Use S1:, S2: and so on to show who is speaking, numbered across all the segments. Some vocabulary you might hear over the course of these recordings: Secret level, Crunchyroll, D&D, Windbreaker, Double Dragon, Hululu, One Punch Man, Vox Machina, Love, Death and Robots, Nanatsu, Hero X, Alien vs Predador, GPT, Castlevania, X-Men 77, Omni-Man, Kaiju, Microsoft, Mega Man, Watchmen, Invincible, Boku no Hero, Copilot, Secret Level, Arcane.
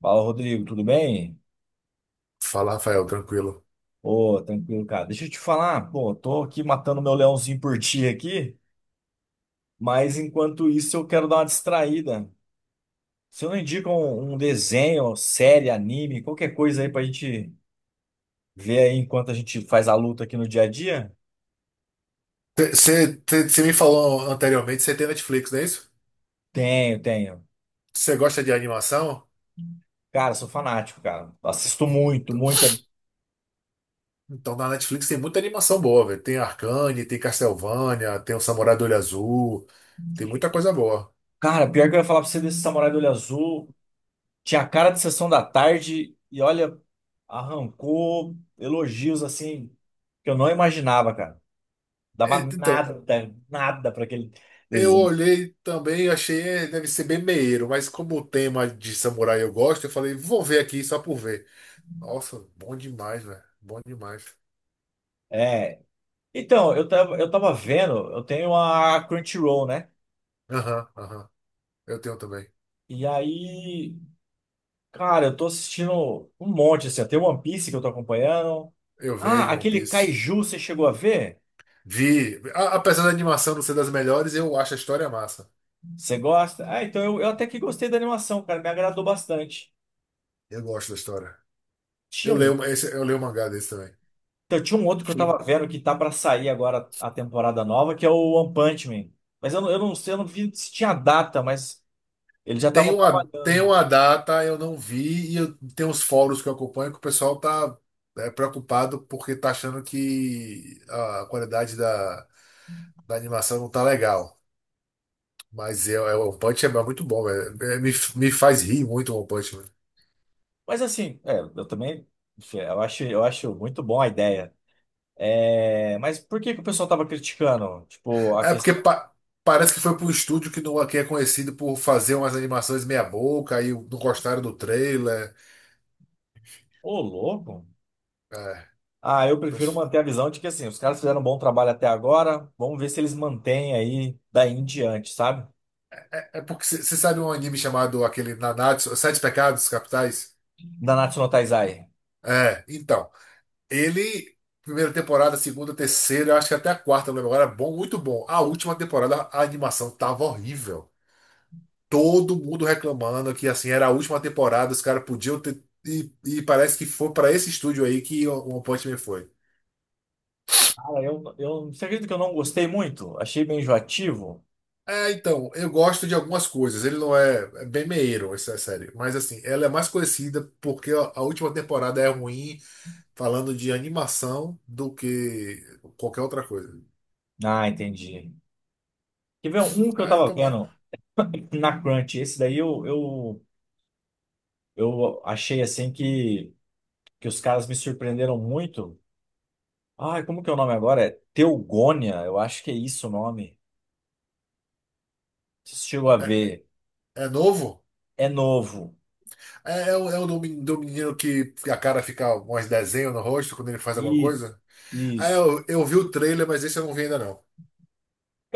S1: Fala, Rodrigo, tudo bem?
S2: Fala, Rafael, tranquilo.
S1: Ô, tranquilo, cara. Deixa eu te falar, pô, tô aqui matando meu leãozinho por ti aqui, mas enquanto isso eu quero dar uma distraída. Você não indica um desenho, série, anime, qualquer coisa aí pra gente ver aí enquanto a gente faz a luta aqui no dia a dia?
S2: Você me falou anteriormente, você tem Netflix, não é isso?
S1: Tenho, tenho.
S2: Você gosta de animação?
S1: Cara, sou fanático, cara. Assisto muito,
S2: Então,
S1: muito.
S2: então, na Netflix tem muita animação boa, velho. Tem Arcane, tem Castlevania, tem o Samurai do Olho Azul, tem muita coisa boa.
S1: Cara, pior que eu ia falar pra você desse Samurai do Olho Azul. Tinha a cara de sessão da tarde e olha, arrancou elogios assim que eu não imaginava, cara.
S2: É,
S1: Dava
S2: então,
S1: nada, nada para aquele
S2: eu
S1: desenho.
S2: olhei também e achei, é, deve ser bem meieiro, mas como o tema de samurai eu gosto, eu falei, vou ver aqui só por ver. Nossa, bom demais, velho. Bom demais.
S1: É. Então, eu tava vendo, eu tenho a Crunchyroll, né?
S2: Aham, aham. Eu tenho também.
S1: E aí, cara, eu tô assistindo um monte, assim, ó. Tem One Piece que eu tô acompanhando.
S2: Eu
S1: Ah,
S2: vejo One
S1: aquele
S2: Piece.
S1: Kaiju, você chegou a ver?
S2: Vi, apesar da animação não ser das melhores, eu acho a história massa.
S1: Você gosta? Ah, então eu até que gostei da animação, cara. Me agradou bastante.
S2: Eu gosto da história.
S1: Tinha
S2: Eu
S1: um.
S2: leio, esse, eu leio o mangá desse também.
S1: Então, tinha um outro que eu tava vendo que tá pra sair agora a temporada nova, que é o One Punch Man. Mas eu não sei, eu não vi se tinha data, mas eles já
S2: Tem
S1: estavam
S2: uma, tem
S1: trabalhando.
S2: uma data, eu não vi, tem uns fóruns que eu acompanho que o pessoal tá preocupado porque tá achando que a qualidade da animação não tá legal. Mas o One Punch é muito bom, velho. É, me faz rir muito o One Punch.
S1: Mas assim, é, eu também, enfim, eu acho muito bom a ideia. É, mas por que que o pessoal tava criticando? Tipo, a
S2: É porque
S1: questão,
S2: parece que foi para um estúdio que, não, que é conhecido por fazer umas animações meia boca, aí não gostaram do trailer.
S1: ô, louco.
S2: É,
S1: Ah, eu prefiro
S2: pois-
S1: manter a visão de que assim, os caras fizeram um bom trabalho até agora, vamos ver se eles mantêm aí daí em diante, sabe?
S2: é porque você sabe um anime chamado aquele Nanatsu, Sete Pecados Capitais?
S1: Da Natsu no Taizai.
S2: É, então. Ele, primeira temporada, segunda, terceira, eu acho que até a quarta, eu não lembro agora, é bom, muito bom. A última temporada, a animação tava horrível. Todo mundo reclamando que assim era a última temporada, os caras podiam ter. E parece que foi para esse estúdio aí que o One Punch Man foi.
S1: Cara, você acredita que eu não gostei muito? Achei bem enjoativo.
S2: É, então, eu gosto de algumas coisas. Ele não é, é bem meieiro, essa série. Mas, assim, ela é mais conhecida porque a última temporada é ruim, falando de animação, do que qualquer outra coisa.
S1: Ah, entendi. Quer ver um que eu
S2: Ah,
S1: tava
S2: então, mano.
S1: vendo na Crunch? Esse daí eu achei assim que os caras me surpreenderam muito. Ai, como que é o nome agora? É Teogônia, eu acho que é isso o nome. Você chegou a
S2: É,
S1: ver.
S2: é novo?
S1: É novo.
S2: É, do menino que a cara fica uns desenhos no rosto quando ele faz alguma
S1: Isso,
S2: coisa? Ah,
S1: isso.
S2: eu vi o trailer, mas esse eu não vi ainda, não.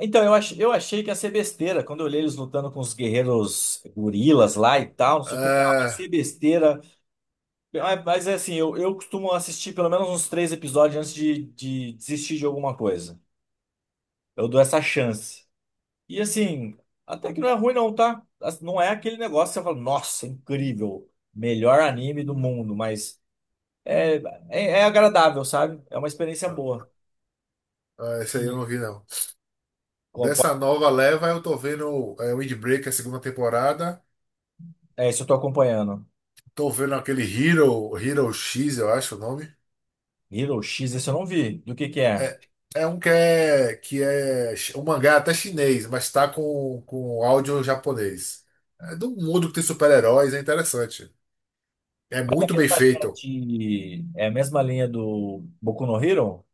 S1: Então, eu achei que ia ser besteira. Quando eu olhei eles lutando com os guerreiros gorilas lá e tal, não sei o que, eu falei, ah, vai
S2: Ah,
S1: ser besteira. Mas é assim, eu costumo assistir pelo menos uns três episódios antes de desistir de alguma coisa. Eu dou essa chance. E assim, até que não é ruim não, tá? As- Não é aquele negócio que você fala, nossa, incrível, melhor anime do mundo, mas é, é, é agradável, sabe? É uma experiência boa.
S2: ah, esse aí eu
S1: E,
S2: não vi, não.
S1: ó, po-.
S2: Dessa nova leva, eu tô vendo Windbreaker, segunda temporada.
S1: É, isso eu tô acompanhando.
S2: Tô vendo aquele Hero X, eu acho o nome.
S1: Hero X, esse eu não vi. Do que é?
S2: É, é um que é chi- um mangá até chinês, mas tá com áudio japonês. É do mundo que tem super-heróis, é interessante. É
S1: Mas a
S2: muito bem
S1: mesma linha
S2: feito.
S1: de... É a mesma linha do Boku no Hero?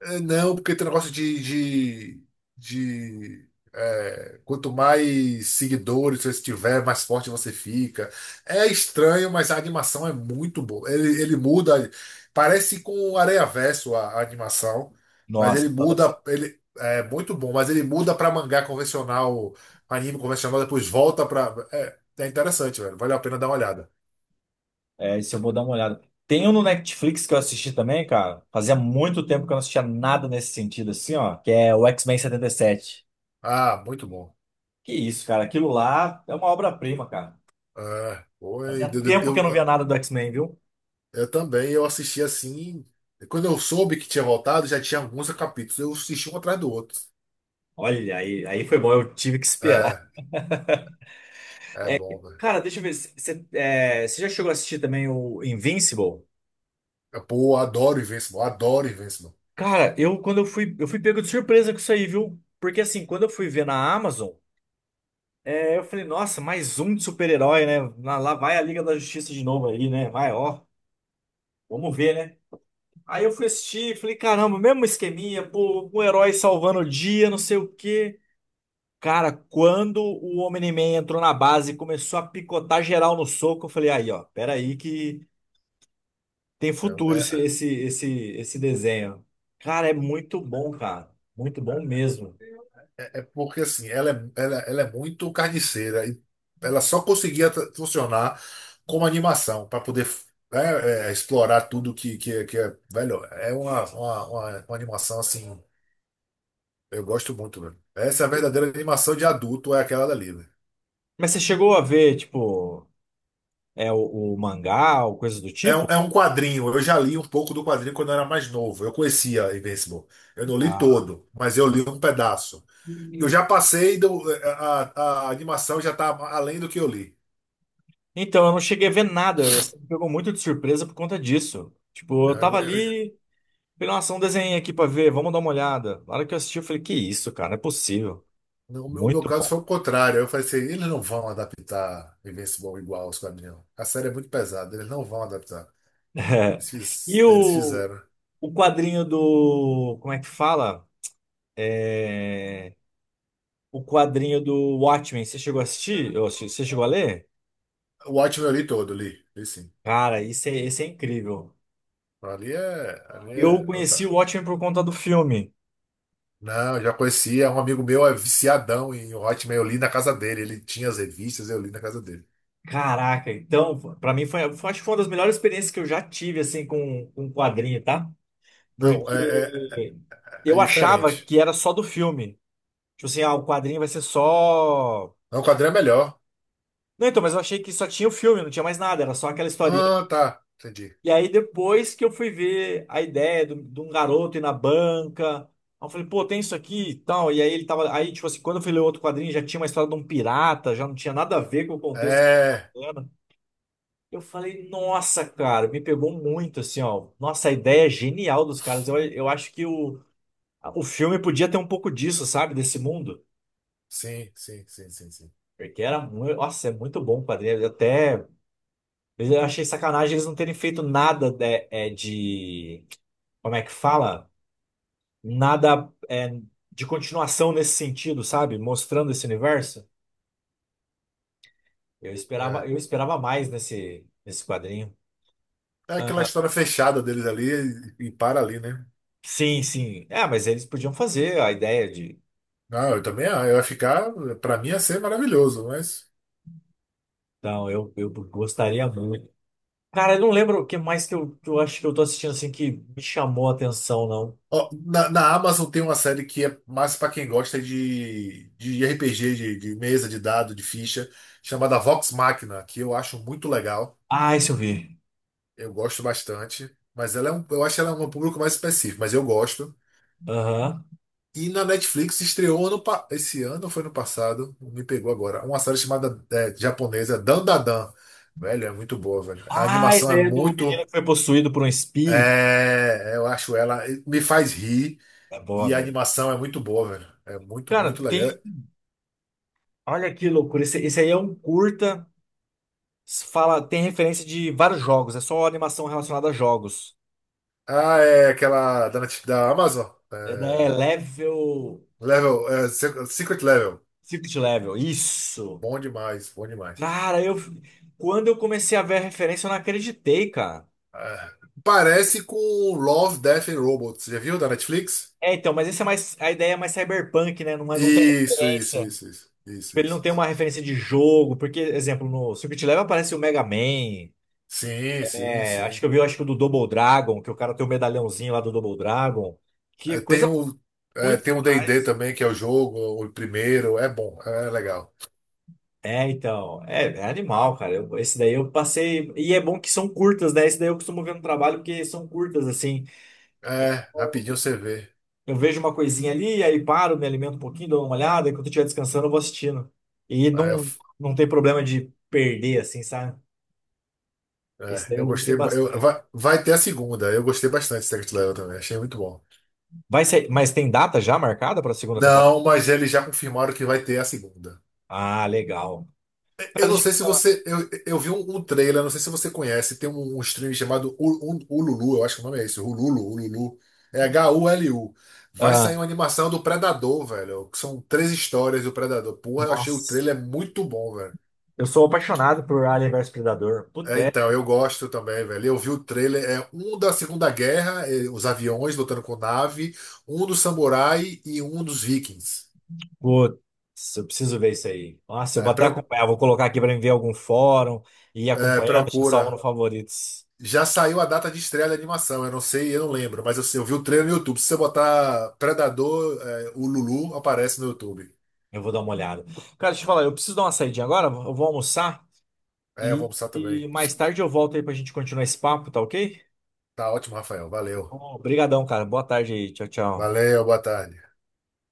S2: É, não, porque tem um negócio de, quanto mais seguidores você tiver, mais forte você fica. É estranho, mas a animação é muito boa. Ele muda, parece com o Areiaverso a animação, mas ele
S1: Nossa,
S2: muda, ele é muito bom, mas ele muda para mangá convencional, anime convencional, depois volta para. É, é interessante, velho. Vale a pena dar uma olhada.
S1: é, isso eu vou dar uma olhada. Tem um no Netflix que eu assisti também, cara. Fazia muito tempo que eu não assistia nada nesse sentido, assim, ó. Que é o X-Men 77.
S2: Ah, muito bom.
S1: Que isso, cara. Aquilo lá é uma obra-prima, cara.
S2: É, foi,
S1: Fazia
S2: deu, deu-
S1: tempo que eu não via
S2: deu-
S1: nada do X-Men, viu?
S2: Eu também, eu assisti assim. Quando eu soube que tinha voltado, já tinha alguns capítulos. Eu assisti um atrás do outro.
S1: Olha, aí, aí foi bom. Eu tive que esperar.
S2: É, é bom, né?
S1: Cara, deixa eu ver. Você é, já chegou a assistir também o Invincible?
S2: Pô, eu adoro Invincible, adoro Invincible.
S1: Cara, eu quando eu fui pego de surpresa com isso aí, viu? Porque assim, quando eu fui ver na Amazon, é, eu falei, nossa, mais um de super-herói, né? Lá lá vai a Liga da Justiça de novo aí, né? Vai, ó. Vamos ver, né? Aí eu fui assistir, falei, caramba, mesmo esqueminha, pô, um herói salvando o dia, não sei o quê. Cara, quando o Omni-Man entrou na base e começou a picotar geral no soco, eu falei, aí, ó, peraí que tem
S2: É,
S1: futuro
S2: é,
S1: esse desenho. Cara, é muito bom, cara. Muito bom mesmo.
S2: porque assim, ela é muito carniceira e ela só conseguia funcionar como animação para poder né, explorar tudo que é. Velho, é uma animação assim. Eu gosto muito, velho. Essa é a verdadeira animação de adulto, é aquela dali, velho.
S1: Mas você chegou a ver, tipo, é o mangá ou coisa do
S2: É um,
S1: tipo?
S2: é um quadrinho. Eu já li um pouco do quadrinho quando eu era mais novo. Eu conhecia Invincible. Eu não li
S1: Ah.
S2: todo, mas eu li um pedaço. Eu já passei do, é, a animação já está além do que eu li.
S1: Então, eu não cheguei a ver nada. Você me pegou muito de surpresa por conta disso. Tipo,
S2: É,
S1: eu tava ali. Falei, nossa, um desenho aqui pra ver, vamos dar uma olhada. Na hora que eu assisti, eu falei, que isso, cara, não é possível.
S2: No meu
S1: Muito
S2: caso
S1: bom.
S2: foi o contrário. Eu falei assim, eles não vão adaptar Invincible igual aos quadrinhos. A série é muito pesada, eles não vão adaptar.
S1: É.
S2: Eles,
S1: E
S2: fiz- eles fizeram.
S1: o quadrinho do. Como é que fala? É, o quadrinho do Watchmen, você chegou a assistir? Ou assi- Você chegou a ler?
S2: O Watchmen eu li todo, li sim.
S1: Cara, isso é, esse é incrível.
S2: Ali é, ali
S1: Eu
S2: é outra.
S1: conheci o Watchmen por conta do filme.
S2: Não, eu já conhecia. Um amigo meu é viciadão em Hotmail. Eu li na casa dele. Ele tinha as revistas, eu li na casa dele.
S1: Caraca, então, pra mim foi, foi- acho que foi uma das melhores experiências que eu já tive, assim, com quadrinho, tá?
S2: Não,
S1: Porque
S2: é
S1: eu achava
S2: diferente.
S1: que era só do filme. Tipo assim, ah, o quadrinho vai ser só.
S2: Não, o quadrinho é melhor.
S1: Não, então, mas eu achei que só tinha o filme, não tinha mais nada, era só aquela historinha.
S2: Ah, tá. Entendi.
S1: E aí depois que eu fui ver a ideia do- de um garoto ir na banca, aí eu falei, pô, tem isso aqui e tal. E aí ele tava. Aí, tipo assim, quando eu fui ler outro quadrinho, já tinha uma história de um pirata, já não tinha nada a ver com o contexto que eu
S2: É.
S1: tava lendo. Eu falei, nossa, cara, me pegou muito, assim, ó. Nossa, a ideia é genial dos caras. Eu acho que o filme podia ter um pouco disso, sabe? Desse mundo.
S2: Sim, sim, sim, sim, sim.
S1: Porque era muito. Nossa, é muito bom o quadrinho. Até. Eu achei sacanagem eles não terem feito nada de, é, de- como é que fala? Nada é, de continuação nesse sentido, sabe? Mostrando esse universo. Eu esperava,
S2: É,
S1: eu esperava mais nesse, nesse quadrinho.
S2: é aquela história fechada deles ali e para ali, né?
S1: Sim, sim. É, mas eles podiam fazer a ideia de.
S2: Não, eu também ah, eu ia ficar. Pra mim ia ser maravilhoso, mas.
S1: Então, eu gostaria muito. Cara, eu não lembro o que mais que eu acho que eu tô assistindo assim que me chamou a atenção, não.
S2: Ó, na Amazon tem uma série que é mais pra quem gosta de RPG, de mesa, de dado, de ficha, chamada Vox Machina, que eu acho muito legal.
S1: Ah, isso eu vi.
S2: Eu gosto bastante. Mas ela é um, eu acho ela é um público mais específico, mas eu gosto.
S1: Aham.
S2: E na Netflix estreou esse ano, ou foi no passado, me pegou agora, uma série chamada japonesa Dandadan. Velho, é muito boa, velho. A
S1: Ah, esse
S2: animação é
S1: daí é do menino
S2: muito.
S1: que foi possuído por um espírito.
S2: Eu acho ela. Me faz rir.
S1: É
S2: E a
S1: bom.
S2: animação é muito boa, velho. É muito,
S1: Cara,
S2: muito legal.
S1: tem. Olha que loucura. Esse aí é um curta. Fala, tem referência de vários jogos. É só animação relacionada a jogos.
S2: Ah, é aquela da, da Amazon.
S1: É, né,
S2: É,
S1: level.
S2: level, Secret Level.
S1: Secret level. Isso.
S2: Bom demais, bom demais.
S1: Cara, eu. Quando eu comecei a ver a referência, eu não acreditei, cara.
S2: Ah, parece com Love, Death and Robots. Já viu da Netflix?
S1: É, então, mas esse é mais. A ideia é mais cyberpunk, né? Não, é- não tem
S2: Isso, isso,
S1: referência.
S2: isso, isso, isso,
S1: Tipo, ele não
S2: isso.
S1: tem uma
S2: Isso.
S1: referência de jogo. Porque, exemplo, no Secret level aparece o Mega Man.
S2: Sim, sim,
S1: É, acho que
S2: sim.
S1: eu vi, acho que o do Double Dragon, que o cara tem o medalhãozinho lá do Double Dragon. Que é
S2: É, Tem
S1: coisa
S2: o, é,
S1: muito
S2: tem o D&D
S1: atrás.
S2: também, que é o jogo, o primeiro. É bom, é legal.
S1: É, então, é, é animal, cara. Eu- esse daí eu passei. E é bom que são curtas, né? Esse daí eu costumo ver no trabalho, porque são curtas, assim.
S2: É, rapidinho você vê.
S1: Eu vejo uma coisinha ali, aí paro, me alimento um pouquinho, dou uma olhada, e quando eu estiver descansando, eu vou assistindo. E
S2: É,
S1: não, não tem problema de perder, assim, sabe? Esse daí
S2: eu
S1: eu gostei
S2: gostei. eu-
S1: bastante.
S2: vai, vai ter a segunda. Eu gostei bastante de Secret Level também. Achei muito bom.
S1: Vai ser, mas tem data já marcada para a segunda temporada?
S2: Não, mas eles já confirmaram que vai ter a segunda.
S1: Ah, legal. Cara,
S2: Eu não
S1: deixa eu
S2: sei
S1: te
S2: se
S1: falar.
S2: você. Eu vi um trailer, não sei se você conhece. Tem um stream chamado Ululu, eu acho que o nome é esse. Hululu, Ululu. É Hulu. Vai
S1: Ah,
S2: sair uma animação do Predador, velho. Que são três histórias do Predador. Porra, eu achei o
S1: nossa,
S2: trailer muito bom, velho.
S1: eu sou apaixonado por Alien vs Predador. Puta,
S2: É,
S1: é.
S2: então, eu gosto também, velho. Eu vi o trailer, é um da Segunda Guerra, os aviões lutando com nave, um do samurai e um dos vikings.
S1: Putz, eu preciso ver isso aí. Nossa, eu
S2: É,
S1: vou até acompanhar, vou colocar aqui para ver algum fórum e ir acompanhando, deixa salvo no
S2: procura.
S1: favoritos.
S2: Já saiu a data de estreia da animação, eu não sei, eu não lembro, mas eu vi o trailer no YouTube. Se você botar Predador, o Lulu aparece no YouTube.
S1: Eu vou dar uma olhada. Cara, deixa eu falar, eu preciso dar uma saidinha agora, eu vou almoçar
S2: É, eu vou almoçar também.
S1: e mais tarde eu volto aí pra gente continuar esse papo, tá ok?
S2: Tá ótimo, Rafael. Valeu.
S1: Obrigadão, cara. Boa tarde aí. Tchau, tchau.
S2: Valeu, boa tarde.